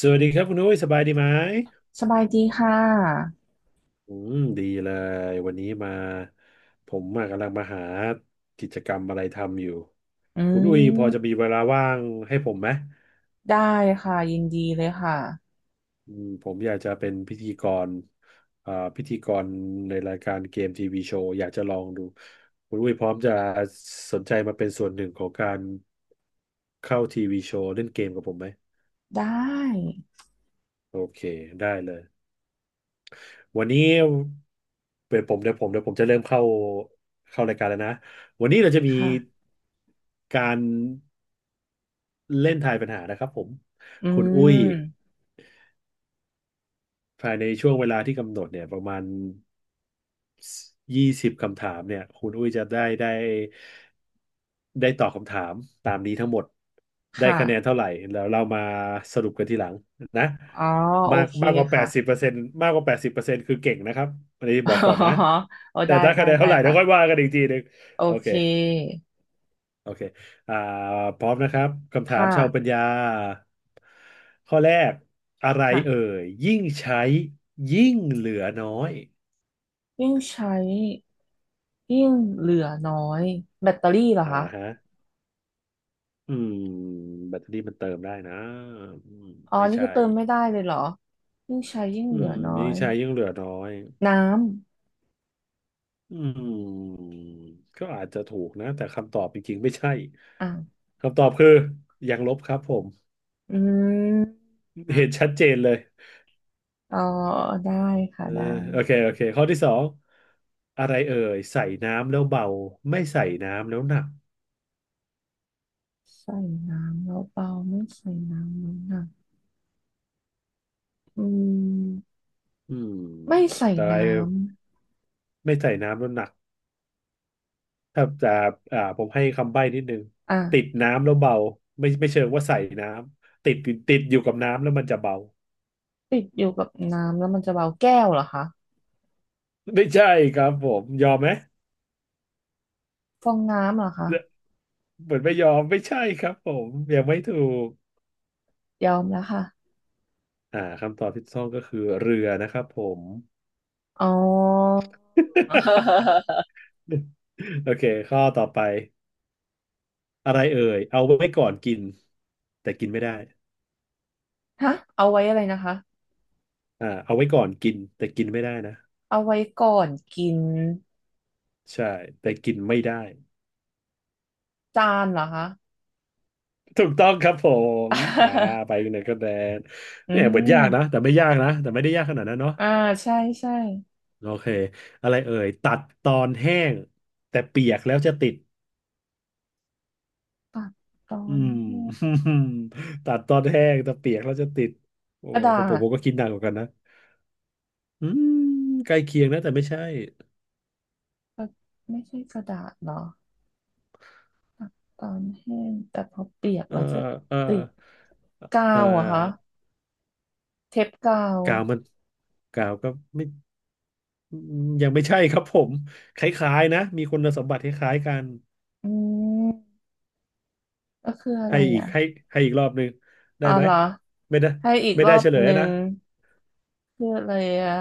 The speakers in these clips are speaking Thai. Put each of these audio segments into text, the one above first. สวัสดีครับคุณนุ้ยสบายดีไหมสบายดีค่ะอืมดีเลยวันนี้มาผมมากำลังมาหากิจกรรมอะไรทำอยู่อืคุณอุ้ยพอมจะมีเวลาว่างให้ผมไหมได้ค่ะ ยินดีเลยค่ะผมอยากจะเป็นพิธีกรพิธีกรในรายการเกมทีวีโชว์อยากจะลองดูคุณอุ้ยพร้อมจะสนใจมาเป็นส่วนหนึ่งของการเข้าทีวีโชว์เล่นเกมกับผมไหมได้โอเคได้เลย วันนี้เป็นผมเดี๋ยวผมจะเริ่มเข้ารายการแล้วนะวันนี้เราจะมีค่ะการเล่นทายปัญหานะครับผมอืคุณอุ้ยมภายในช่วงเวลาที่กำหนดเนี่ยประมาณ 20คำถามเนี่ยคุณอุ้ยจะได้ตอบคำถามตามนี้ทั้งหมดคได้คะแนน่ะเท่าไหร่แล้วเรามาสรุปกันทีหลังนะอ๋อโอมากเคมากกว่าแปค่ะ ดสิบเปอร์เซ็นต์มากกว่าแปดสิบเปอร์เซ็นต์คือเก่งนะครับอันนี้บอก อ๋ก่อนนะอโอ้แต่ได้ได้ได้คะแนนได้เท่าไหร่เดี๋ยวค่อยค่ะว่ากันอีกทีหนึ่งโอโอเคเคโอเคอ่าพร้อมนะครับคำถามค่ะชาวปัญญาข้อแรกอะไรเอ่ค่ะยยิ่งใช้ยิ่งเหลือน้อยยิ่งใช้ยิ่งเหลือน้อยแบตเตอรี่เหรออ่าคะฮะ อืมแบตเตอรี่มันเติมได้นะอืมอ๋อไม่นี่ใช่คือเติมไม่ได้เลยเหรอยิ่งใช้ยิ่งอืเหลือมน้อยิ่งยใช้ยิ่งเหลือน้อยน้ำอืมก็อาจจะถูกนะแต่คำตอบจริงๆไม่ใช่อ่ะคำตอบคือยังลบครับผมอืมเห็นชัดเจนเลยอ๋อได้ค่ะเออได้ โอเคโอเคข้อที่สองอะไรเอ่ยใส่น้ำแล้วเบาไม่ใส่น้ำแล้วหนักใส่น้ำแล้วเบาไม่ใส่น้ำแล้วหนักอืมอืมไม่ใส่แต่อะไรน้ไม่ใส่น้ำแล้วหนัก ถ้าจะผมให้คำใบ้นิดนึงำอ่ะติดน้ำแล้วเบาไม่เชิงว่าใส่น้ำติดอยู่กับน้ำแล้วมันจะเบา ติดอยู่กับน้ำแล้วมันจะเบาแก้วเหรอคะ ไม่ใช่ครับผมยอมไหมฟองน้ำเหรอคะเหมือนไม่ยอมไม่ใช่ครับผมยังไม่ถูกยอมแล้วค่ะคำตอบที่ถูกต้องก็คือเรือนะครับผม อ๋อ โอเคข้อต่อไปอะไรเอ่ยเอาไว้ก่อนกินแต่กินไม่ได้ฮะเอาไว้อะไรนะคะเอาไว้ก่อนกินแต่กินไม่ได้นะเอาไว้ก่อนกินใช่แต่กินไม่ได้ จานเหรอคะ ถูกต้องครับผมอ่าไปเนเธอระแลน อืเนี่ยเหมือนมยากนะแต่ไม่ยากนะ แต่ไม่ได้ยากขนาดนั้นเนาะอ่าใช่ใช่โอเคอะไรเอ่ยตัดตอนแห้งแต่เปียกแล้วจะติดตัดตออืนม แห้ง ตัดตอนแห้งแต่เปียกแล้วจะติดโอ้กระดาเป็นผมษผมก็คิดหนักเหมือนกันนะอืมใกล้เคียงนะแต่ไม่ใช่กระไม่ใช่กระดาษเหรอ ตอนแห้งแต่พอเปียกเออแล้วจะเออติดกาเออวเหรอะคะเทปกาวกาวมันกาวก็ไม่ยังไม่ใช่ครับผมคล้ายๆนะมีคุณสมบัติคล้ายๆกัน อืมก็คืออะให้ไรอีกอ่ะให้ให้อีกรอบหนึ่งได้อ๋อไหมเหรอไม่ได้ให้อีกไม่รอได้บเฉลยหแล้วนึ่งนะคืออะไรอ่ะ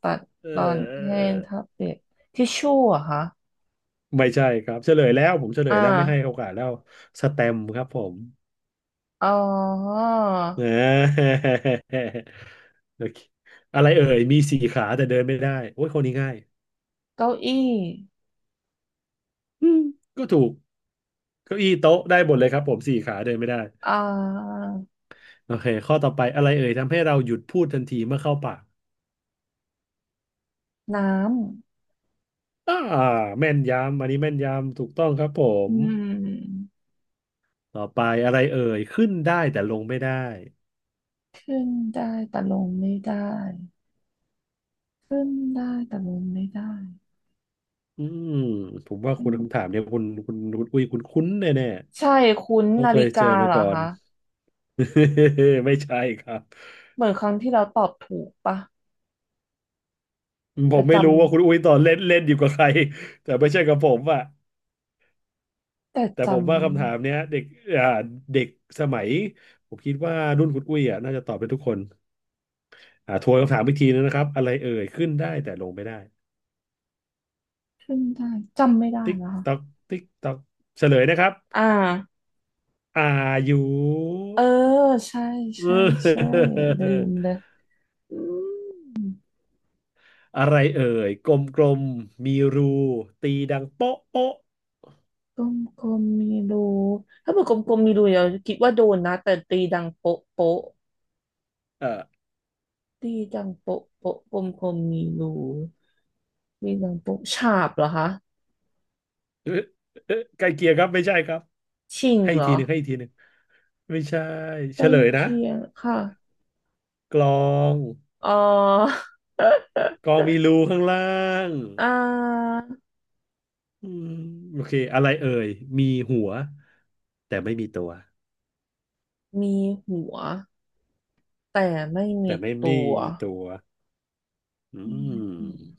ตัดเตอนแห้อองทับเปียกทิชชู่เหรอะคะไม่ใช่ครับเฉลยแล้วผมเฉลอ่ายแล้วไม่ให้โอกาสแล้วสแตมป์ครับผมอ๋อนะ อโอเคอะไรเอ่ยมีสี่ขาแต่เดินไม่ได้โอ้ยคนนี้ง่ายเก้าอี้อืมก็ถูกเก้าอี้โต๊ะได้หมดเลยครับผมสี่ขาเดินไม่ได้อ่าโอเคข้อต่อไปอะไรเอ่ยทำให้เราหยุดพูดทันทีเมื่อเข้าปากน้อ่าแม่นยำอันนี้แม่นยำถูกต้องครับผำม ต่อไปอะไรเอ่ยขึ้นได้แต่ลงไม่ได้ขึ้นได้แต่ลงไม่ได้ขึ้นได้แต่ลงไม่ได้อืมผมว่าอืคุณคำม ถามเนี่ยคุณอุ้ยคุณคุ้นแน่แน่ใช่คุ้นต้องนาเคฬิยเจอกามาเหรอก่อน คะ ไม่ใช่ครับเหมือนครั้งที่เราตอบถูกปะผแต่มจไม่รู้ว่าคุณอุ้ยตอนเล่นเล่นอยู่กับใครแต่ไม่ใช่กับผมอะแต่แต่ผจำมว่าคำถามเนี้ยเด็กอ่าเด็กสมัยผมคิดว่ารุ่นคุณอุ้ยอ่ะน่าจะตอบเป็นทุกคนทวนคำถามอีกทีนึงนะครับอะไรเอ่ยขึ้นได้แต่ลงไม่ได้ขึ้นได้จำไม่ได้ติ๊กนะคะต๊อกติ๊กต๊อกเฉลยนะครับอ่าอายุ เออใช่เอใช่ใช่อ ลืมเลยอืมอะไรเอ่ยกลมๆมีรูตีดังโป๊ะโป๊ะกลมๆมีรูถ้าเป็นกลมๆมีรูเราคิดว่าโดนนะแต่ตีดังโป๊ะโป๊ะเออตีดังโป๊ะโป๊ะกลมๆมีรูตีดังโป๊ะฉาบเหรอคะเอ๊ะ เอ๊ะใกล้เคียงครับไม่ใช่ครับชิงให้อีเหกรอทีหนึ่งให้อีกทีหนึ่งไม่ใช่ใกเฉล้ลยนะเคียงค่ะกลองอ๋อกลองมีรูข้างล่างอ่า อืมโอเคอะไรเอ่ยมีหัวแต่ไม่มีตัวมีหัวแต่ไม่มีแต่ไม่ตัมีวตัวอืมีหัว ม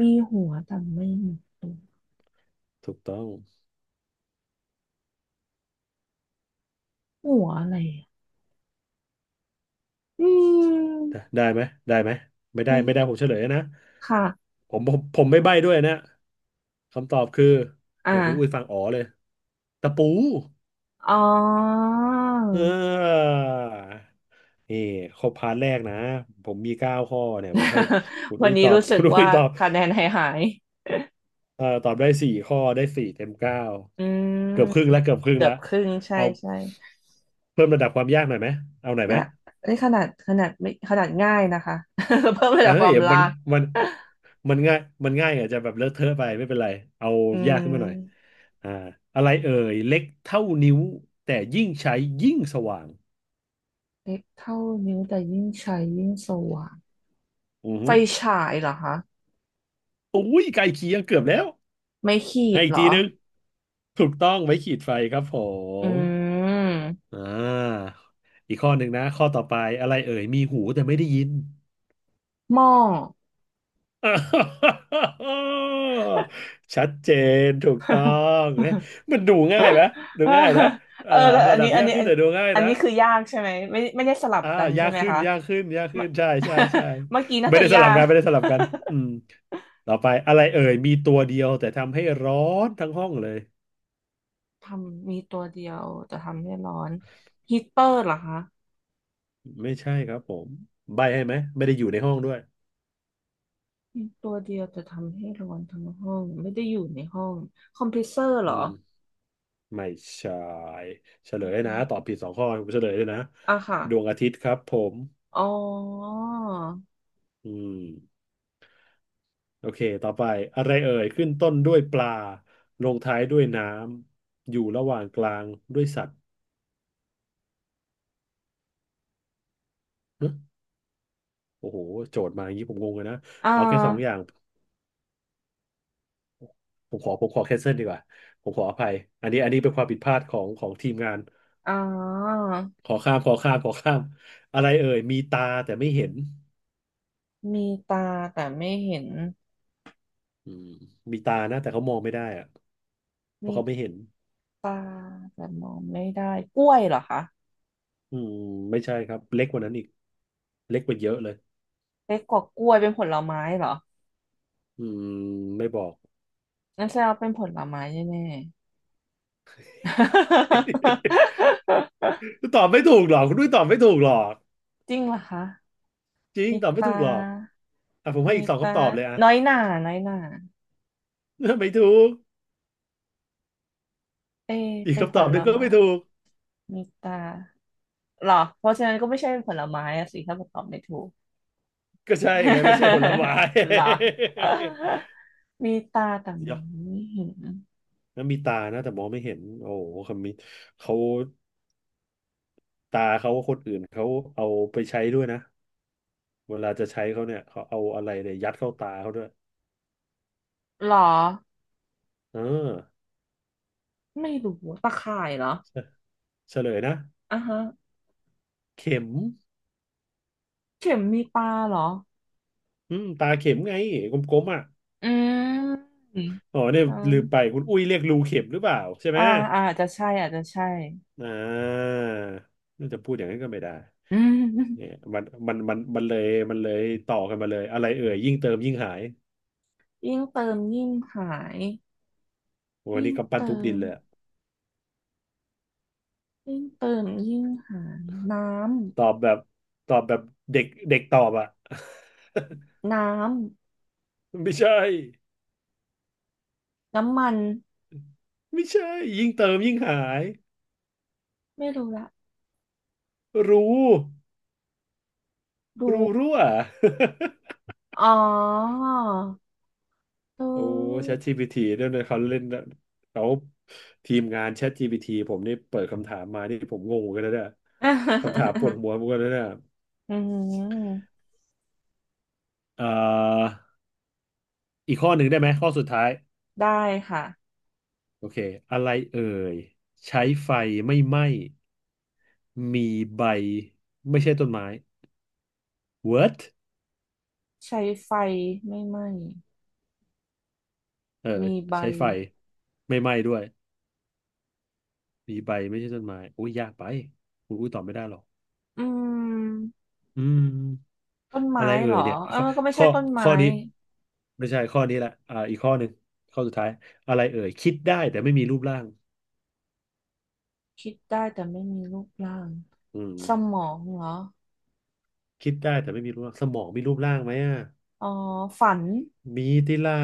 มีหัวแต่ไม่มีตัวถูกต้อง หัวอะไรอะอืได้มได้ไหมได้ไหมไม่ได้ไม่ไม่ได้ผมเฉลยนะค่ะ ผมไม่ใบ้ด้วยนะคำตอบคืออ่าเนี่ยคุณอุ้ยฟังอ๋อเลยตะปูอ๋อ เออนี่ครบพาร์ทแรกนะผมมี9 ข้อเนี่ยผมให้คุณ วัอุ้นยนี้ตอบ รู้ สึคุกณอุ้ว่ายตอบคะแนนหายตอบได้4 ข้อได้สี่เต็มเก้าอืเกือบครึ่งมแล้วเกือบครึ่งเกือแล้บวครึ่งใช่เอาใช่เพิ่มระดับความยากหน่อยไหมเอาหน่อยไหม และนี่ขนาดไม่ขนาดง่ายนะคะ เพิ่มระเอ้ดับคยวามลากมันมันง่ายมันง่ายอาจจะแบบเลอะเทอะไปไม่เป็นไรเอาอืยากขึ้นมาหน่อยมอ่าอะไรเอ่ยเล็กเท่านิ้วแต่ยิ่งใช้ยิ่งสว่างเล็กเท่านิ้วแต่ยิ่งใช้ยิ่งสว่าง อือไฟหือฉายเหรอคะอุ้ยไกลเคียงเกือบแล้วไม่ขีให้ดอีเหกรทีอนึงถูกต้องไว้ขีดไฟครับผอืมมอ่าอีกข้อหนึ่งนะข้อต่อไปอะไรเอ่ยมีหูแต่ไม่ได้ยิน หม้อ ชัดเจนถูกต้องเนี่ยมันดูง่ายไหมดูง่ายนะเอ่เอออแต่อัระนดับนี้ยากขึ้นแต่ดูง่ายอันนะนี้คือยากใช่ไหมไม่ไม่ได้สลับอ่ากันใช่ยากไหมขึ้นคะยากขึ้นยากขึ้เมื่อ นใช่ใช่ใช่ เมื่อกี้น่าไม่จะได้สยาลับก กันไม่ได้สลับกันอืมต่อไปอะไรเอ่ยมีตัวเดียวแต่ทำให้ร้อนทั้งห้องเลย ทำมีตัวเดียวแต่ทำให้ร้อนฮีตเตอร์เหรอคะไม่ใช่ครับผมใบให้ไหมไม่ได้อยู่ในห้องด้วยมีตัวเดียวแต่ทำให้ร้อนทั้งห้องไม่ได้อยู่ในห้องคอมเพรสเซอร์เหอืรอมไม่ใช่เฉลยนะตอบผิดสองข้อผมเฉลยเลยนะอ่ะค่ะดวงอาทิตย์ครับผมอ๋ออืม โอเคต่อไปอะไรเอ่ยขึ้นต้นด้วยปลาลงท้ายด้วยน้ำอยู่ระหว่างกลางด้วยสัตว์เนอะโอ้โหโจทย์มาอย่างนี้ผมงงเลยนะอ่าเอาแค่สองอย่างผมขอแคนเซิลดีกว่าผมขออภัยอันนี้เป็นความผิดพลาดของทีมงานอ่า ขอข้ามอะไรเอ่ยมีตาแต่ไม่เห็นมีตาแต่ไม่เห็น อืมมีตานะแต่เขามองไม่ได้อะเพมีราะเขาไม่เห็นตาแต่มองไม่ได้กล้วยเหรอคะอืมไม่ใช่ครับเล็กกว่านั้นอีกเล็กกว่าเยอะเลยเล็กกว่ากล้วยเป็นผลไม้เหรออืมไม่บอก งั้นแสดงว่าเป็นผลไม้แน่ๆ ตอบไม่ถูกหรอกคุณด้วยตอบไม่ถูกหรอกจริงเหรอคะ จริงมีตอบไม่ตา ถูกหรอกอ่ะผมให้มีอีกสองตา คำตอบเลยอ่ะ น้อยหน่า น้อยหน่า ไม่ถูกเอะอีกเป็นผคำตอบหลนึ่งก็ไม้ ไม่ถูกมีตาเหรอเพราะฉะนั้นก็ไม่ใช่เป็นผลไม้อะสิถ้าตอบไม่ถูก ก็ใช่ไงไม่ใช่ผลไม้ เหรอ มีตาแต่ มเดี๋ยออะงไม่เห็น แล้วมีตานะแต่มองไม่เห็นโอ้โหคำนี้เขาตาเขาคนอื่นเขาเอาไปใช้ด้วยนะเวลาจะใช้เขาเนี่ยเขาเอาอะไรเนี่ยยัดเข้าตาเขาด้วยหรอเออไม่รู้ตะข่ายเหรอเฉเฉลยนะอ่ะฮะเข็มเข็มมีปลาเหรออืมตาเข็มไงกลมๆอ่ะอืมอ๋อเนี่ยเอาลืมไปคุณอุ้ยเรียกรูเข็มหรือเปล่าใช่ไหม อ่าอ่าอาจจะใช่อาจจะใช่อ่าน่าจะพูดอย่างนั้นก็ไม่ได้อืเนี่ยมมันเลยต่อกันมาเลยอะไรเอ่ยยิ่งเติมยิ่งหายยิ่งเติมยิ่งหายวันยิ่งนี้กำปั้นเติทุบดิมนเลยอะยิ่งเติมยิ่งหายน้ตอบแบบตอบแบบเด็กเด็กตอบอ่ะ ำไม่ใช่น้ำมันไม่ใช่ยิ่งเติมยิ่งหายไม่รู้ละรู้รู้รู้รั่ว อ๋อรู โอ้ ChatGPT ด้วยนะเขาเล่นเขาทีมงาน ChatGPT ผมนี่เปิดคำถามมานี่ผมงงเหมือนกันนะเนี่ยคำถาม อปวดหัวเหมือนกันนะเนี่ยอืมเอ่อ อีกข้อหนึ่งได้ไหมข้อสุดท้ายได้ค่ะโอเคอะไรเอ่ยใช้ไฟไม่ไหม้มีใบไม่ใช่ต้นไม้ What ใช้ไฟไม่ไหม้เออมีใบ ใช้ไฟไม่ไหม้ด้วยมีใบไม่ใช่ต้นไม้อุ้ยยากไปอุ้ยตอบไม่ได้หรอกอืมอืมต้นอะไม้ไรเอ่เหรยอเนี่ยเออก็ไม่ใช่ข้อต้นไม้ข้อนี้ไม่ใช่ข้อนี้แหละอ่าอีกข้อหนึ่งข้อสุดท้ายอะไรเอ่ยคิดได้แต่ไม่มีรูปร่างคิดได้แต่ไม่มีรูปร่างอืสมมองเหรอคิดได้แต่ไม่มีรูปร่างสมองมีรูปร่างไหมอ่ะอ๋อฝันมีติล่า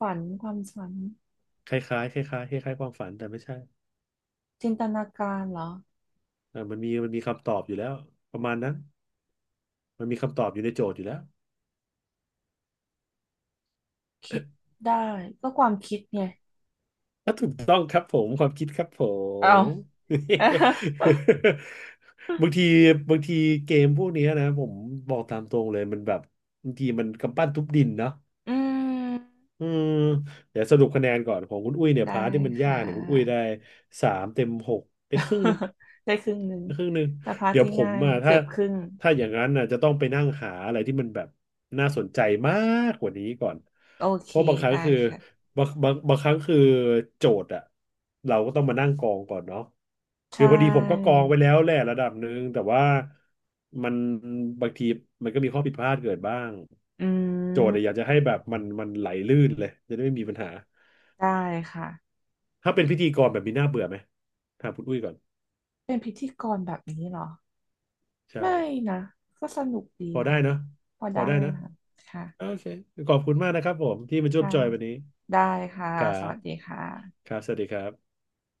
ความฝันคล้ายๆคล้ายๆคล้ายๆความฝันแต่ไม่ใช่จินตนาการเหรอเออมันมีคำตอบอยู่แล้วประมาณนั้นมันมีคำตอบอยู่ในโจทย์อยู่แล้วคิดได้ก็ความคิดไงอ่ะถูกต้องครับผมความคิดครับผเอา ม บางทีบางทีเกมพวกเนี้ยนะผมบอกตามตรงเลยมันแบบบางทีมันกำปั้นทุบดินเนาะ อืมอืมเดี๋ยวสรุปคะแนนก่อนของคุณอุ้ยเนี่ยได้พาร์ทที่มันยาค่ะ กเนี่ยคุณอุ้ยได้สามเต็มหกได้ครึ่งหนึง ได้ครึ่งหนึ่งไครึ่งหนึงแต่พาร์ทเดี๋ยวที่ผมง่ายอ่ะเกือบครึ่งถ้าอย่างนั้นน่ะจะต้องไปนั่งหาอะไรที่มันแบบน่าสนใจมากกว่านี้ก่อนโอเพเคราะบางครั้งได้คือค่ะบางครั้งคือโจทย์อ่ะเราก็ต้องมานั่งกองก่อนเนาะใชคือพอดีผมก็ก่องไว้แล้วแหละระดับหนึ่งแต่ว่ามันบางทีมันก็มีข้อผิดพลาดเกิดบ้าง อืโจทย์มเนี่ยอยากจะให้แบบมันไหลลื่นเลยจะได้ไม่มีปัญหาได้ค่ะถ้าเป็นพิธีกรแบบมีหน้าเบื่อไหมถามคุณอุ้ยก่อนเป็นพิธีกรแบบนี้เหรอ ใช่ไม่นะก็สนุกดีพอได้ค่ะเนอะพอพอได้ได้นะค่ะโอค่ะเคขอบคุณมากนะครับผมที่มาร่วมค่ะจอยวันนี้ได้ค่ะครัสบวัสดีค่ะครับสวัสดีครับ